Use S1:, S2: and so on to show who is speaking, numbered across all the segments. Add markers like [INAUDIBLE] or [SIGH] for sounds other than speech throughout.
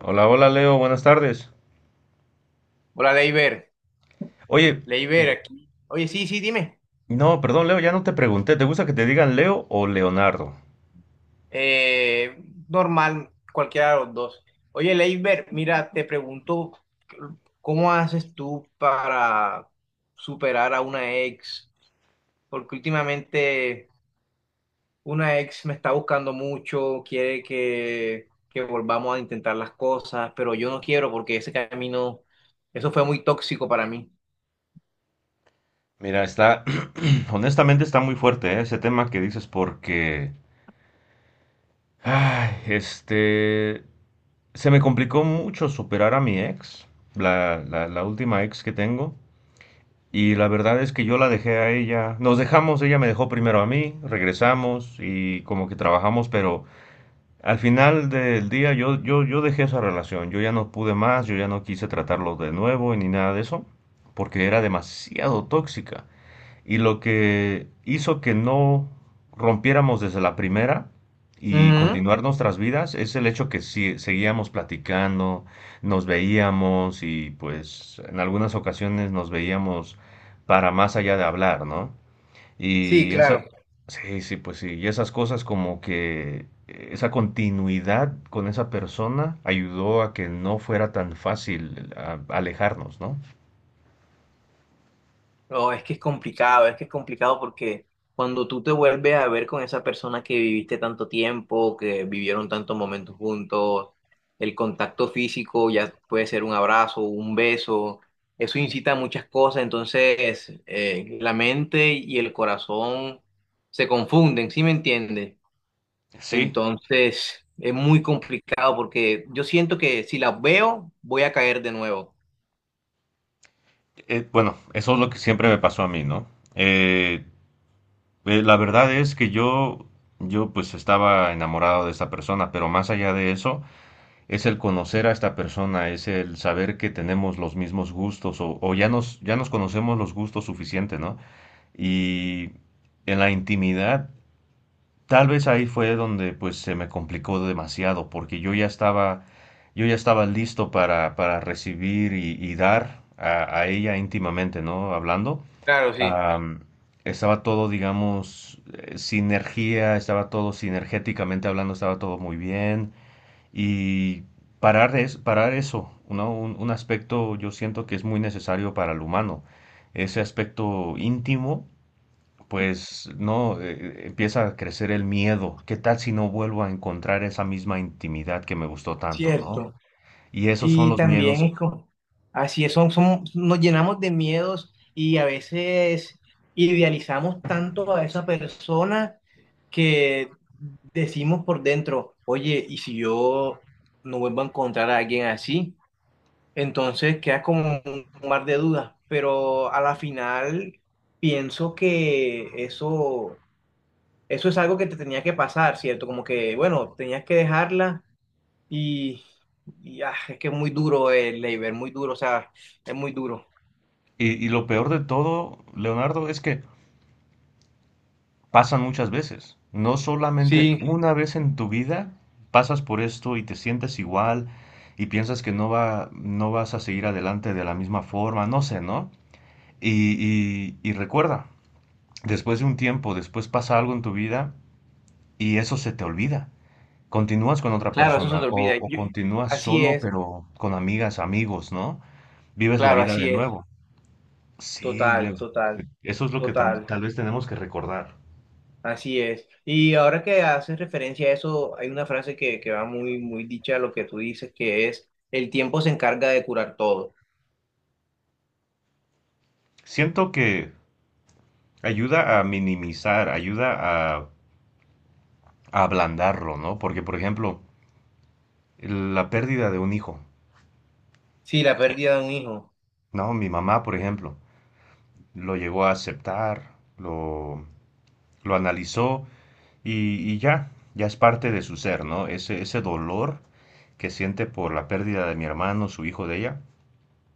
S1: Hola, hola Leo, buenas tardes.
S2: Hola, Leiber.
S1: Oye,
S2: Leiber aquí. Oye, sí, sí, dime.
S1: no, perdón Leo, ya no te pregunté, ¿te gusta que te digan Leo o Leonardo?
S2: Eh, Normal, cualquiera de los dos. Oye, Leiber, mira, te pregunto, ¿cómo haces tú para superar a una ex? Porque últimamente una ex me está buscando mucho, quiere que volvamos a intentar las cosas, pero yo no quiero porque ese camino, eso fue muy tóxico para mí.
S1: Mira, está, [CLEARS THROAT] honestamente está muy fuerte, ¿eh? Ese tema que dices porque, ay, se me complicó mucho superar a mi ex, la última ex que tengo, y la verdad es que yo la dejé a ella, nos dejamos, ella me dejó primero a mí, regresamos y como que trabajamos, pero... Al final del día yo dejé esa relación, yo ya no pude más, yo ya no quise tratarlo de nuevo ni nada de eso, porque era demasiado tóxica. Y lo que hizo que no rompiéramos desde la primera y
S2: Ujú.
S1: continuar nuestras vidas es el hecho que sí, seguíamos platicando, nos veíamos y pues en algunas ocasiones nos veíamos para más allá de hablar, ¿no?
S2: Sí,
S1: Y esa,
S2: claro.
S1: sí, sí, pues sí, y esas cosas como que esa continuidad con esa persona ayudó a que no fuera tan fácil alejarnos, ¿no?
S2: No, es que es complicado, es que es complicado porque cuando tú te vuelves a ver con esa persona que viviste tanto tiempo, que vivieron tantos momentos juntos, el contacto físico ya puede ser un abrazo, un beso, eso incita a muchas cosas, entonces la mente y el corazón se confunden, ¿sí me entiendes?
S1: Sí,
S2: Entonces es muy complicado porque yo siento que si las veo voy a caer de nuevo.
S1: bueno, eso es lo que siempre me pasó a mí, ¿no? Eh, la verdad es que yo pues estaba enamorado de esta persona, pero más allá de eso, es el conocer a esta persona, es el saber que tenemos los mismos gustos o ya nos conocemos los gustos suficiente, ¿no? Y en la intimidad, tal vez ahí fue donde pues se me complicó demasiado, porque yo ya estaba listo para recibir y dar a ella íntimamente, ¿no? Hablando.
S2: Claro, sí.
S1: Am, estaba todo, digamos, sinergia, estaba todo sinergéticamente hablando, estaba todo muy bien. Y parar, es, parar eso, un aspecto yo siento que es muy necesario para el humano. Ese aspecto íntimo, pues no, empieza a crecer el miedo. ¿Qué tal si no vuelvo a encontrar esa misma intimidad que me gustó tanto, ¿no?
S2: Cierto.
S1: Y esos son
S2: Y
S1: los
S2: también
S1: miedos.
S2: es como, así es, son, son, nos llenamos de miedos y a veces idealizamos tanto a esa persona que decimos por dentro, oye, ¿y si yo no vuelvo a encontrar a alguien así? Entonces queda como un mar de dudas, pero a la final pienso que eso es algo que te tenía que pasar, ¿cierto? Como que, bueno, tenías que dejarla y, y, es que es muy duro el labor, muy duro, o sea, es muy duro.
S1: Y lo peor de todo, Leonardo, es que pasan muchas veces. No solamente
S2: Sí,
S1: una vez en tu vida pasas por esto y te sientes igual y piensas que no va, no vas a seguir adelante de la misma forma, no sé, ¿no? Y recuerda, después de un tiempo, después pasa algo en tu vida y eso se te olvida. Continúas con otra
S2: claro, eso se
S1: persona
S2: te olvida.
S1: o continúas
S2: Así
S1: solo
S2: es,
S1: pero con amigas, amigos, ¿no? Vives la
S2: claro,
S1: vida de
S2: así es.
S1: nuevo. Sí,
S2: Total,
S1: Leo.
S2: total,
S1: Eso es lo que
S2: total,
S1: tal vez tenemos que recordar.
S2: así es. Y ahora que haces referencia a eso, hay una frase que va muy, muy dicha a lo que tú dices, que es, el tiempo se encarga de curar todo.
S1: Siento que ayuda a minimizar, ayuda a ablandarlo, ¿no? Porque, por ejemplo, la pérdida de un hijo,
S2: Sí, la pérdida de un hijo.
S1: ¿no? Mi mamá, por ejemplo, lo llegó a aceptar, lo analizó y ya, ya es parte de su ser, ¿no? Ese dolor que siente por la pérdida de mi hermano, su hijo de ella,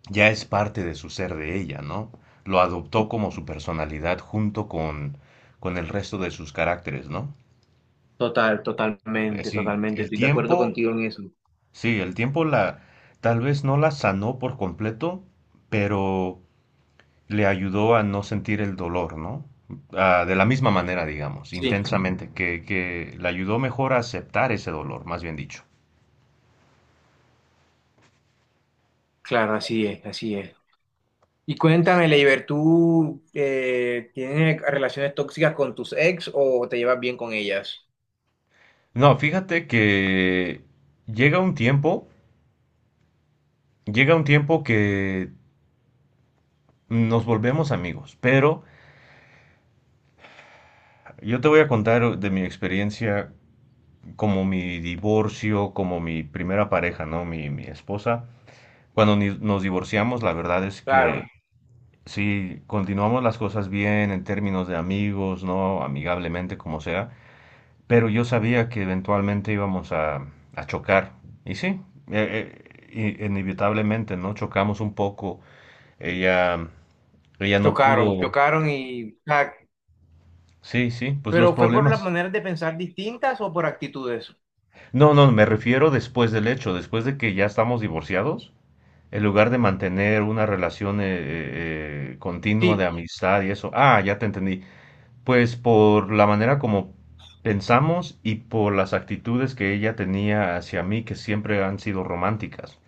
S1: ya es parte de su ser de ella, ¿no? Lo adoptó como su personalidad junto con el resto de sus caracteres, ¿no?
S2: Total,
S1: Es
S2: totalmente,
S1: decir,
S2: totalmente.
S1: el
S2: Estoy de acuerdo
S1: tiempo,
S2: contigo en eso.
S1: sí, el tiempo la tal vez no la sanó por completo, pero le ayudó a no sentir el dolor, ¿no? Ah, de la misma manera, digamos,
S2: Sí,
S1: intensamente, que le ayudó mejor a aceptar ese dolor, más bien dicho.
S2: claro, así es, así es. Y cuéntame,
S1: Sí.
S2: Leiber, ¿tú tienes relaciones tóxicas con tus ex o te llevas bien con ellas?
S1: No, fíjate que llega un tiempo, llega un tiempo que nos volvemos amigos, pero yo te voy a contar de mi experiencia como mi divorcio, como mi primera pareja, ¿no? Mi esposa. Cuando nos divorciamos, la verdad es
S2: Claro.
S1: que sí, continuamos las cosas bien en términos de amigos, ¿no? Amigablemente, como sea, pero yo sabía que eventualmente íbamos a chocar. Y sí, eh, inevitablemente, ¿no? Chocamos un poco. Ella, ella no
S2: Chocaron,
S1: pudo.
S2: chocaron y...
S1: Sí, sí, pues los
S2: ¿pero fue por las
S1: problemas.
S2: maneras de pensar distintas o por actitudes?
S1: No, no, me refiero después del hecho, después de que ya estamos divorciados, en lugar de mantener una relación continua de
S2: Sí,
S1: amistad y eso. Ah, ya te entendí. Pues por la manera como pensamos y por las actitudes que ella tenía hacia mí que siempre han sido románticas.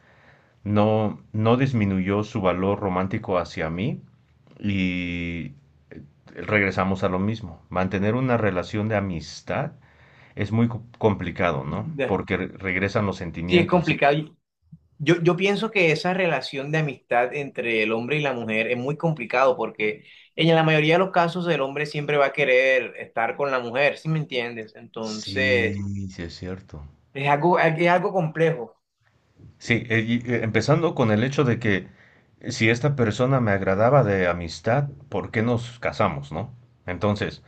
S1: No, no disminuyó su valor romántico hacia mí y regresamos a lo mismo. Mantener una relación de amistad es muy complicado, ¿no?
S2: de-
S1: Porque regresan los
S2: sí es
S1: sentimientos. Sí,
S2: complicado. Yo pienso que esa relación de amistad entre el hombre y la mujer es muy complicado porque en la mayoría de los casos el hombre siempre va a querer estar con la mujer, ¿sí me entiendes?
S1: sí,
S2: Entonces,
S1: sí es cierto.
S2: es algo complejo.
S1: Sí, y, empezando con el hecho de que si esta persona me agradaba de amistad, ¿por qué nos casamos, no? Entonces,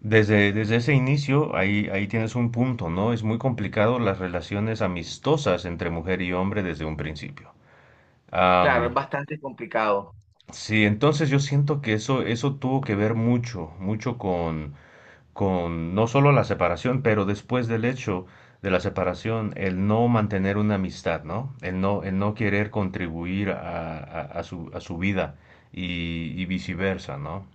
S1: desde ese inicio, ahí tienes un punto, ¿no? Es muy complicado las relaciones amistosas entre mujer y hombre desde un principio.
S2: Claro,
S1: Am,
S2: es bastante complicado.
S1: sí, entonces yo siento que eso tuvo que ver mucho, mucho con no solo la separación, pero después del hecho de la separación, el no mantener una amistad, ¿no? El no, el no querer contribuir a, a su vida y viceversa, ¿no?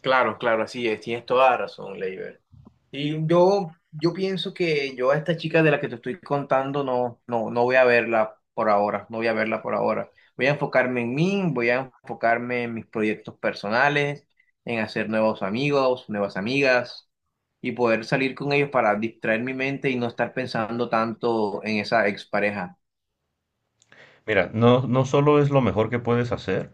S2: Claro, claro, así es. Tienes toda la razón, Leiber. Y yo pienso que yo a esta chica de la que te estoy contando no, no, no voy a verla por ahora. No voy a verla por ahora. Voy a enfocarme en mí, voy a enfocarme en mis proyectos personales, en hacer nuevos amigos, nuevas amigas y poder salir con ellos para distraer mi mente y no estar pensando tanto en esa expareja.
S1: Mira, no, no solo es lo mejor que puedes hacer,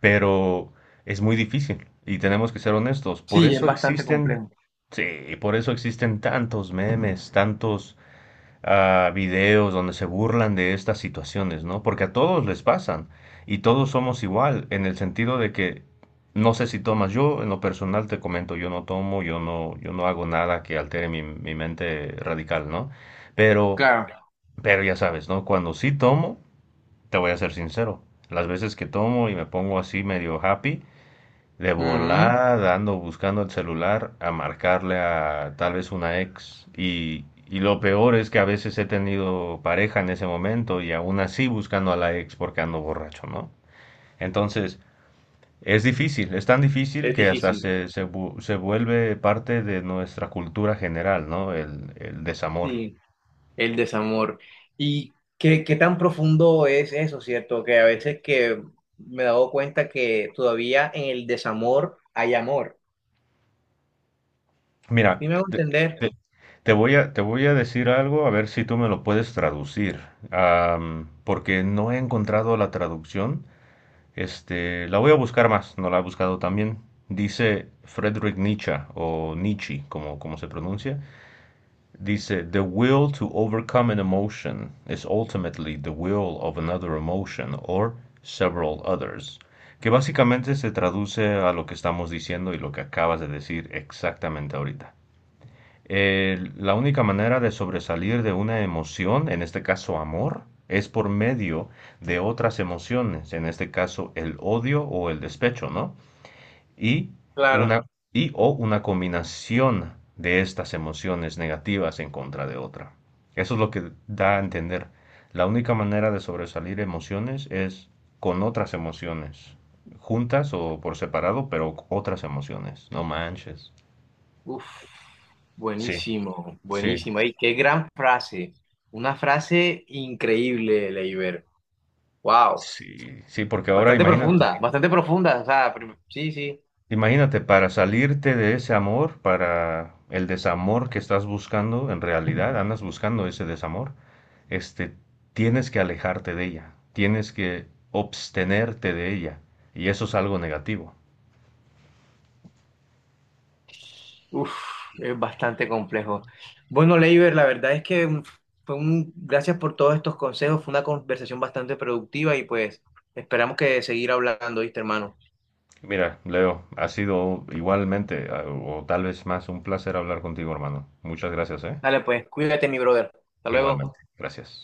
S1: pero es muy difícil y tenemos que ser honestos. Por
S2: Sí, es
S1: eso
S2: bastante
S1: existen,
S2: complejo.
S1: sí, por eso existen tantos memes, tantos a videos donde se burlan de estas situaciones, ¿no? Porque a todos les pasan y todos somos igual en el sentido de que no sé si tomas, yo en lo personal te comento, yo no tomo, yo no, yo no hago nada que altere mi, mi mente radical, ¿no? Pero,
S2: Claro.
S1: pero ya sabes, ¿no? Cuando sí tomo, te voy a ser sincero, las veces que tomo y me pongo así medio happy, de
S2: Ujú.
S1: volada ando buscando el celular a marcarle a tal vez una ex. Y lo peor es que a veces he tenido pareja en ese momento y aún así buscando a la ex porque ando borracho, ¿no? Entonces, es difícil, es tan difícil
S2: Es
S1: que hasta
S2: difícil.
S1: se, se, se vuelve parte de nuestra cultura general, ¿no? El desamor.
S2: Sí. El desamor. ¿Y qué, qué tan profundo es eso, cierto? Que a veces que me he dado cuenta que todavía en el desamor hay amor.
S1: Mira,
S2: ¿Sí me hago
S1: te,
S2: entender?
S1: te- te voy a decir algo a ver si tú me lo puedes traducir, porque no he encontrado la traducción. Este, la voy a buscar más, no la he buscado también. Dice Friedrich Nietzsche, o Nietzsche, como, como se pronuncia. Dice, "The will to overcome an emotion is ultimately the will of another emotion or several others." Que básicamente se traduce a lo que estamos diciendo y lo que acabas de decir exactamente ahorita. La única manera de sobresalir de una emoción, en este caso amor, es por medio de otras emociones, en este caso el odio o el despecho, ¿no? Y
S2: Claro.
S1: una, y o una combinación de estas emociones negativas en contra de otra. Eso es lo que da a entender. La única manera de sobresalir emociones es con otras emociones, juntas o por separado, pero otras emociones. No manches.
S2: Uf,
S1: Sí,
S2: buenísimo,
S1: sí.
S2: buenísimo. Y qué gran frase. Una frase increíble, Leiber. Wow.
S1: Sí, sí, porque ahora
S2: Bastante
S1: imagínate,
S2: profunda, bastante profunda. O sea, sí, sí.
S1: imagínate, para salirte de ese amor, para el desamor que estás buscando, en realidad andas buscando ese desamor, este, tienes que alejarte de ella, tienes que abstenerte de ella, y eso es algo negativo.
S2: Uf, es bastante complejo. Bueno, Leiber, la verdad es que gracias por todos estos consejos, fue una conversación bastante productiva y pues esperamos que seguir hablando, ¿viste, hermano?
S1: Mira, Leo, ha sido igualmente, a- o tal vez más, un placer hablar contigo, hermano. Muchas gracias, ¿eh?
S2: Dale, pues, cuídate, mi brother. Hasta
S1: Igualmente,
S2: luego.
S1: gracias.